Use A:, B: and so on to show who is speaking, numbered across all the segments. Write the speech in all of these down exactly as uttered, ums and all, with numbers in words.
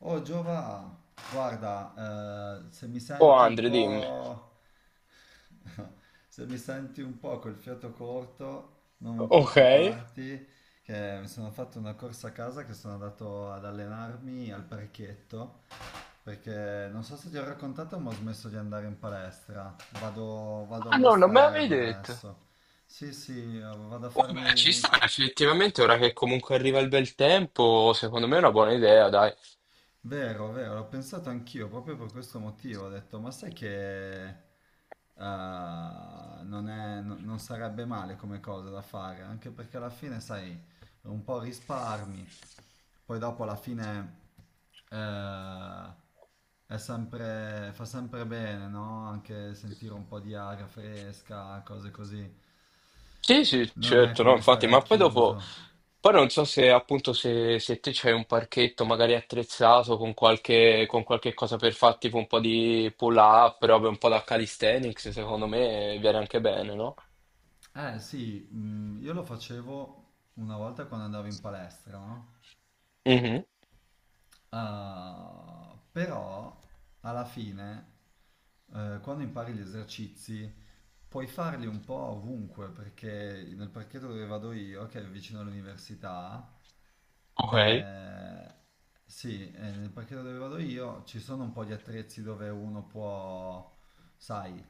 A: Oh Giova, guarda, eh, se mi
B: Oh
A: senti un
B: Andre, dimmi.
A: po', se mi senti un po' col fiato corto, non
B: Ok.
A: preoccuparti, che mi sono fatto una corsa a casa che sono andato ad allenarmi al parchetto, perché non so se ti ho raccontato, ma ho smesso di andare in palestra, vado, vado
B: Ah no, non me l'avevi
A: all'esterno
B: detto.
A: adesso. Sì, sì, eh, vado a
B: Oh beh, ci sta
A: farmi.
B: effettivamente, ora che comunque arriva il bel tempo, secondo me è una buona idea, dai.
A: Vero, vero, l'ho pensato anch'io proprio per questo motivo. Ho detto, ma sai che eh, non è- no- non sarebbe male come cosa da fare, anche perché alla fine, sai, un po' risparmi, poi dopo alla fine eh, è sempre, fa sempre bene, no? Anche sentire un po' di aria fresca, cose così.
B: Sì, sì,
A: Non è
B: certo, no,
A: come
B: infatti,
A: stare
B: ma
A: al
B: poi dopo,
A: chiuso.
B: poi non so se appunto se, se, te c'hai un parchetto magari attrezzato con qualche, con qualche cosa per fare tipo un po' di pull-up, robe un po' da calisthenics, secondo me viene anche bene, no?
A: Eh sì, mm, io lo facevo una volta quando andavo in palestra, no?
B: Mhm.
A: Ah, però alla fine, eh, quando impari gli esercizi, puoi farli un po' ovunque, perché nel parchetto dove vado io, che è vicino all'università,
B: Ok.
A: eh, sì, eh, nel parchetto dove vado io ci sono un po' di attrezzi dove uno può, sai,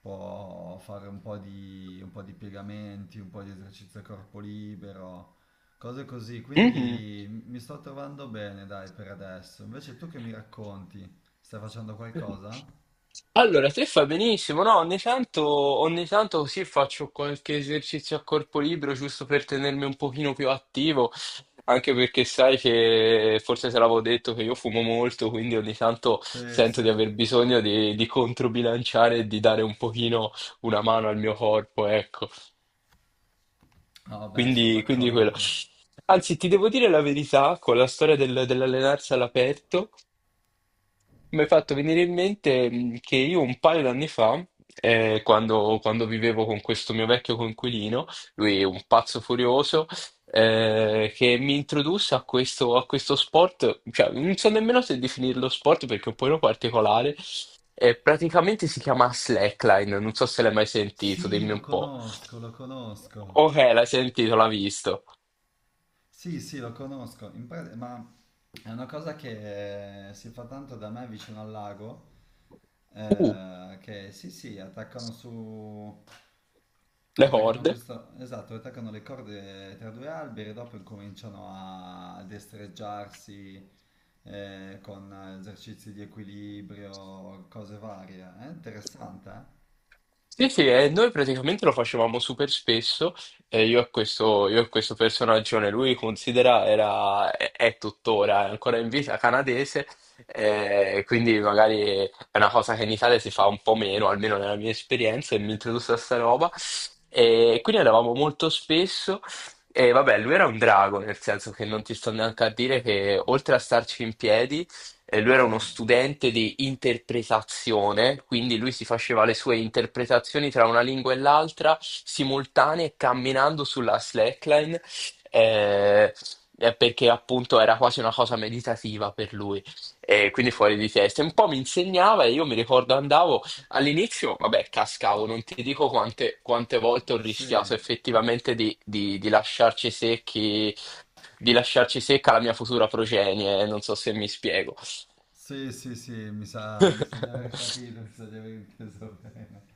A: può fare un po' di, un po' di piegamenti, un po' di esercizio a corpo libero. Cose così,
B: Mhm.
A: quindi mi sto trovando bene, dai, per adesso. Invece tu che mi racconti? Stai facendo qualcosa?
B: Allora, te fa benissimo, no? Ogni tanto, ogni tanto così faccio qualche esercizio a corpo libero giusto per tenermi un pochino più attivo, anche perché sai che forse te l'avevo detto che io fumo molto, quindi ogni tanto
A: Sì, sì.
B: sento di aver
A: Ah,
B: bisogno di, di, controbilanciare e di dare un pochino una mano al mio corpo, ecco.
A: vabbè, sono
B: Quindi, quindi quello.
A: d'accordo.
B: Anzi, ti devo dire la verità, con la storia del- dell'allenarsi all'aperto. Mi hai fatto venire in mente mh, che io un paio d'anni fa, eh, quando, quando, vivevo con questo mio vecchio coinquilino, lui è un pazzo furioso, eh, che mi introdusse a questo, a questo sport, cioè, non so nemmeno se definirlo sport perché è un po' particolare, eh, praticamente si chiama slackline, non so se l'hai mai sentito,
A: Sì,
B: dimmi
A: lo
B: un po'.
A: conosco, lo conosco.
B: Ok, l'hai sentito, l'ha visto.
A: Sì, sì, lo conosco. In pra- ma è una cosa che eh, si fa tanto da me vicino al lago,
B: Uh,
A: eh, che sì, sì, attaccano su...
B: le
A: Attaccano
B: corde.
A: questo, esatto, attaccano le corde tra due alberi e dopo incominciano a destreggiarsi eh, con esercizi di equilibrio, cose varie. È Ah, interessante, eh?
B: Sì, sì, e noi praticamente lo facevamo super spesso, eh, io e questo, io e questo personaggione, lui considera, era, è, è tuttora, è ancora in vita canadese, eh, quindi magari è una cosa che in Italia si fa un po' meno, almeno nella mia esperienza, e mi introdusse a sta roba, e quindi andavamo molto spesso, e vabbè, lui era un drago, nel senso che non ti sto neanche a dire che oltre a starci in piedi, e lui era
A: Sì,
B: uno studente di interpretazione, quindi lui si faceva le sue interpretazioni tra una lingua e l'altra, simultanee, camminando sulla slackline, eh, eh, perché appunto era quasi una cosa meditativa per lui, e quindi fuori di testa. E un po' mi insegnava e io mi ricordo andavo all'inizio, vabbè, cascavo, non ti dico quante, quante, volte ho
A: sì,
B: rischiato effettivamente di, di di lasciarci secchi, di lasciarci secca la mia futura progenie, non so se mi spiego.
A: sì, sì, sì, mi sa, mi sa di aver capito, mi sa di aver inteso bene.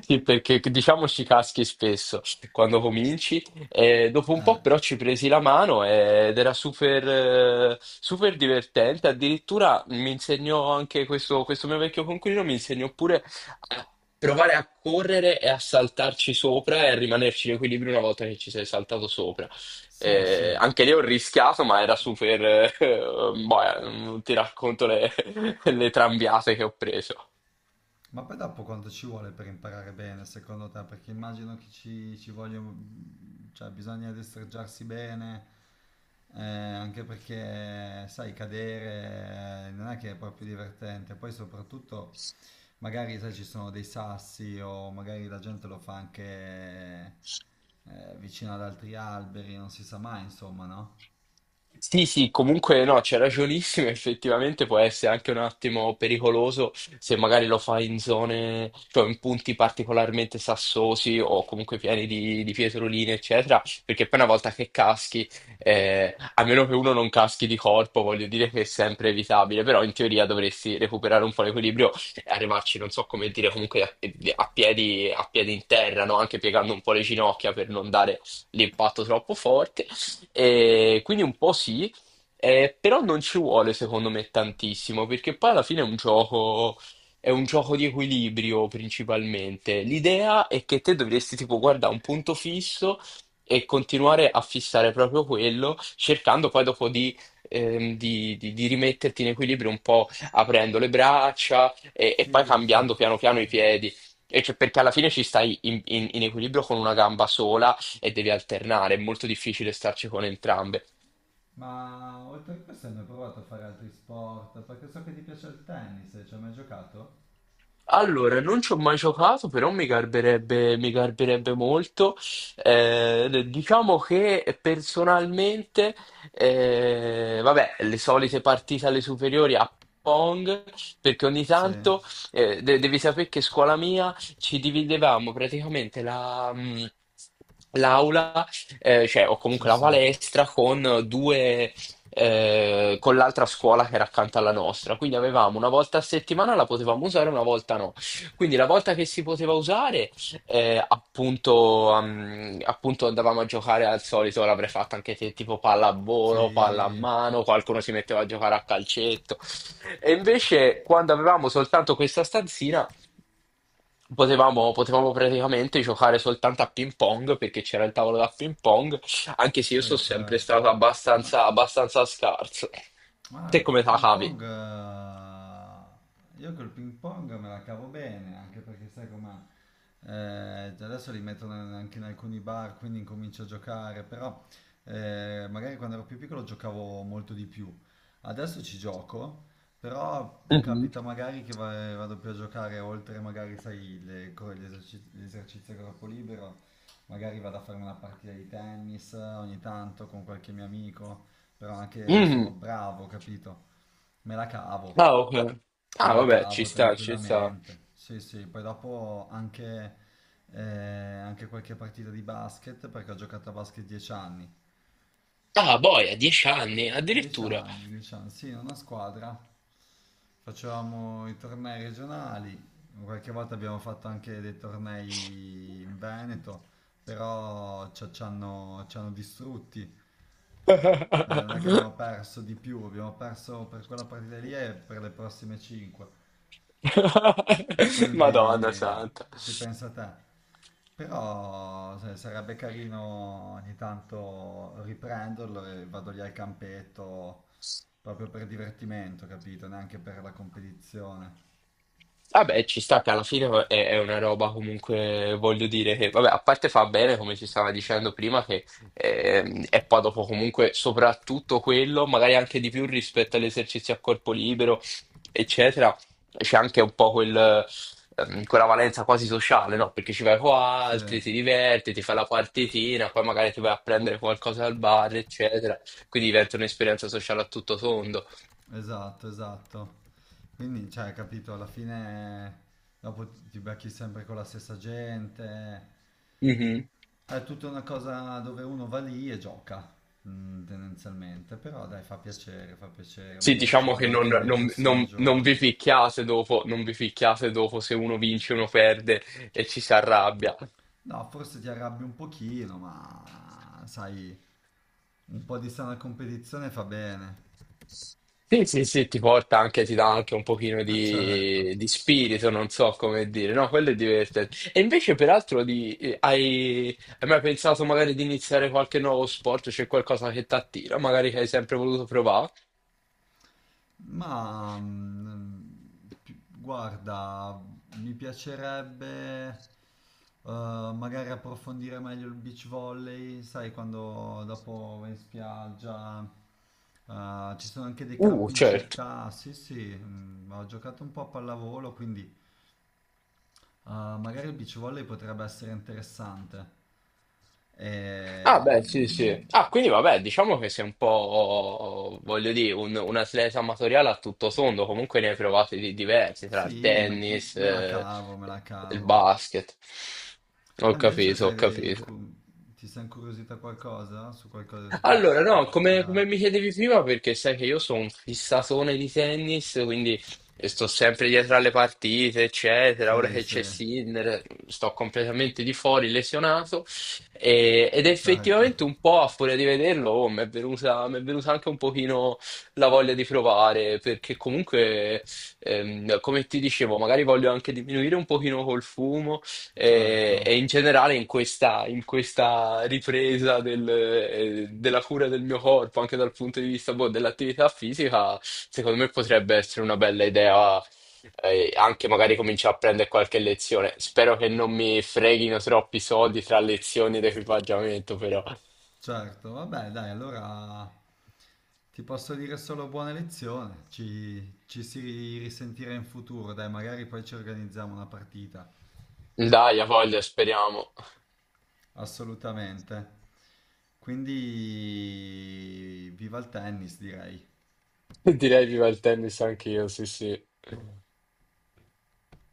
B: Sì, perché diciamo ci caschi spesso quando cominci, e dopo un
A: Eh,
B: po' però ci presi la mano ed era super, eh, super divertente. Addirittura mi insegnò anche questo, questo mio vecchio coinquilino, mi insegnò pure a provare a correre e a saltarci sopra e a rimanerci in equilibrio una volta che ci sei saltato sopra.
A: sì,
B: Eh,
A: sì.
B: anche lì ho rischiato, ma era super, eh, boh, non ti racconto le, le trambiate che ho preso.
A: Ma poi dopo quanto ci vuole per imparare bene, secondo te? Perché immagino che ci, ci voglia, cioè bisogna destreggiarsi bene, eh, anche perché, sai, cadere eh, non è che è proprio divertente. Poi soprattutto, magari, sai, ci sono dei sassi o magari la gente lo fa anche eh, vicino ad altri alberi, non si sa mai, insomma, no?
B: Sì, sì, comunque no, c'è ragionissimo, effettivamente può essere anche un attimo pericoloso se magari lo fai in zone, cioè in punti particolarmente sassosi o comunque pieni di, di pietroline, eccetera, perché poi una volta che caschi, eh, a meno che uno non caschi di corpo, voglio dire che è sempre evitabile, però in teoria dovresti recuperare un po' l'equilibrio e arrivarci, non so come dire, comunque a, a piedi, a piedi in terra, no? Anche piegando un po' le ginocchia per non dare l'impatto troppo forte. E quindi un po' sì, eh, però non ci vuole secondo me tantissimo, perché poi alla fine è un gioco, è un gioco di equilibrio principalmente. L'idea è che te dovresti tipo guardare un punto fisso e continuare a fissare proprio quello, cercando poi dopo di, ehm, di- di- di rimetterti in equilibrio un po' aprendo le braccia e, e poi
A: Sì, sì,
B: cambiando
A: sì,
B: piano
A: sì,
B: piano i
A: sì.
B: piedi. E cioè, perché alla fine ci stai in in- in equilibrio con una gamba sola e devi alternare, è molto difficile starci con entrambe.
A: Ma oltre a questo hai mai provato a fare altri sport? Perché so che ti piace il tennis, ci hai mai giocato?
B: Allora, non ci ho mai giocato, però mi garberebbe, mi garberebbe molto. Eh, diciamo che personalmente, eh, vabbè, le solite partite alle superiori a Pong, perché ogni
A: Sì,
B: tanto, eh, de- devi sapere che scuola mia ci dividevamo praticamente la, mh, l'aula, eh, cioè, o
A: sì,
B: comunque la
A: sì,
B: palestra con due eh, con l'altra scuola che era accanto alla nostra. Quindi avevamo una volta a settimana la potevamo usare, una volta no. Quindi la volta che si poteva usare, eh, appunto, ehm, appunto andavamo a giocare al solito, l'avrei fatta anche te, tipo pallavolo, palla a
A: sì,
B: mano, qualcuno si metteva a giocare a calcetto. E invece quando avevamo soltanto questa stanzina, potevamo, potevamo praticamente giocare soltanto a ping pong perché c'era il tavolo da ping pong anche se io
A: sì,
B: sono sempre
A: certo.
B: stato
A: Ma
B: abbastanza, abbastanza scarso. Te
A: ah,
B: come
A: col
B: te la
A: ping
B: cavi?
A: pong, eh, io col ping pong me la cavo bene, anche perché sai com'è, eh, adesso li mettono anche in alcuni bar, quindi incomincio a giocare, però eh, magari quando ero più piccolo giocavo molto di più. Adesso ci gioco, però
B: Mhm.
A: capita magari che va- vado più a giocare oltre magari, sai, le, co- gli eserci- gli esercizi a corpo libero, magari vado a fare una partita di tennis eh, ogni tanto con qualche mio amico però anche sono
B: Mhm.
A: bravo, capito? Me la cavo,
B: Ah, ok. Ah,
A: me la
B: vabbè, ci
A: cavo
B: sta, ci sta.
A: tranquillamente. Sì, sì, poi dopo anche, eh, anche qualche partita di basket, perché ho giocato a basket dieci anni.
B: Ah, boia, dieci anni,
A: dieci
B: addirittura.
A: anni, dieci anni, sì, in una squadra. Facevamo i tornei regionali, qualche volta abbiamo fatto anche dei tornei in Veneto, però ci ci hanno, ci hanno distrutti. Eh, non è che abbiamo perso di più, abbiamo perso per quella partita lì e per le prossime cinque. Quindi
B: Madonna
A: eh,
B: santa.
A: si pensa a te. Però se- sarebbe carino ogni tanto riprenderlo e vado lì al campetto proprio per divertimento, capito? Neanche per la competizione.
B: Vabbè, ci sta che alla fine è, è, una roba comunque, voglio dire che, vabbè, a parte fa bene, come ci stava dicendo prima, che ehm, è poi dopo comunque soprattutto quello, magari anche di più rispetto agli esercizi a corpo libero, eccetera, c'è anche un po' quel, ehm, quella valenza quasi sociale, no? Perché ci vai con
A: Sì.
B: altri, ti diverti, ti fai la partitina, poi magari ti vai a prendere qualcosa al bar, eccetera, quindi diventa un'esperienza sociale a tutto tondo.
A: Esatto, esatto. Quindi, cioè, capito, alla fine dopo ti becchi sempre con la stessa gente.
B: Mhm.
A: È tutta una cosa dove uno va lì e gioca, mm, tendenzialmente. Però dai, fa piacere, fa piacere.
B: Sì,
A: Magari ci
B: diciamo che
A: vado
B: non,
A: anche nei
B: non-
A: prossimi
B: non- non vi
A: giorni.
B: picchiate dopo, non vi picchiate dopo se uno vince, uno perde e ci si arrabbia.
A: No, forse ti arrabbi un pochino, ma sai, un po' di sana competizione fa bene.
B: Sì, sì, sì, ti porta anche, ti dà anche un pochino
A: Ah, certo.
B: di, di spirito, non so come dire, no, quello è divertente. E invece, peraltro, di, eh, hai, hai mai pensato magari di iniziare qualche nuovo sport? C'è qualcosa che ti attira, magari che hai sempre voluto provare?
A: Ma mm, pi- guarda, mi piacerebbe eh, magari approfondire meglio il beach volley, sai, quando dopo vai in spiaggia, eh, ci sono anche dei
B: Uh,
A: campi in
B: certo.
A: città. Sì, sì, mm, ho giocato un po' a pallavolo, quindi eh, magari il beach volley potrebbe essere interessante.
B: Ah,
A: E,
B: beh, sì, sì.
A: mm,
B: Ah, quindi vabbè, diciamo che sei un po', voglio dire, un, un atleta amatoriale a tutto tondo, comunque ne hai provati di diversi, tra il
A: sì, me
B: tennis,
A: me la
B: eh,
A: cavo, me la
B: il
A: cavo.
B: basket. Ho
A: Te invece
B: capito, ho
A: sai che
B: capito.
A: cu- ti sei incuriosita qualcosa su qualcosa, su qualche
B: Allora,
A: sport
B: no,
A: in
B: come,
A: generale?
B: come mi chiedevi prima, perché sai che io sono un fissatone di tennis, quindi eh, sto sempre dietro alle partite, eccetera. Ora
A: Sì,
B: che
A: sì,
B: c'è Sinner, sto completamente di fuori, lesionato. E- ed
A: certo,
B: effettivamente un po' a furia di vederlo, oh, mi è venuta, mi è venuta anche un pochino la voglia di provare, perché comunque, ehm, come ti dicevo, magari voglio anche diminuire un pochino col fumo e,
A: certo,
B: e in generale in questa, in questa, ripresa del, eh, della cura del mio corpo, anche dal punto di vista boh, dell'attività fisica, secondo me potrebbe essere una bella idea, eh, anche magari cominciare a prendere qualche lezione. Spero che non mi freghino troppi soldi tra lezioni ed equipaggiamento, però.
A: certo. Vabbè, dai, allora ti posso dire solo buona lezione. Ci, ci si risentirà in futuro, dai, magari poi ci organizziamo una partita.
B: Dai, a voglia, speriamo.
A: Assolutamente. Quindi viva il tennis, direi.
B: Direi viva il tennis anch'io, sì, sì.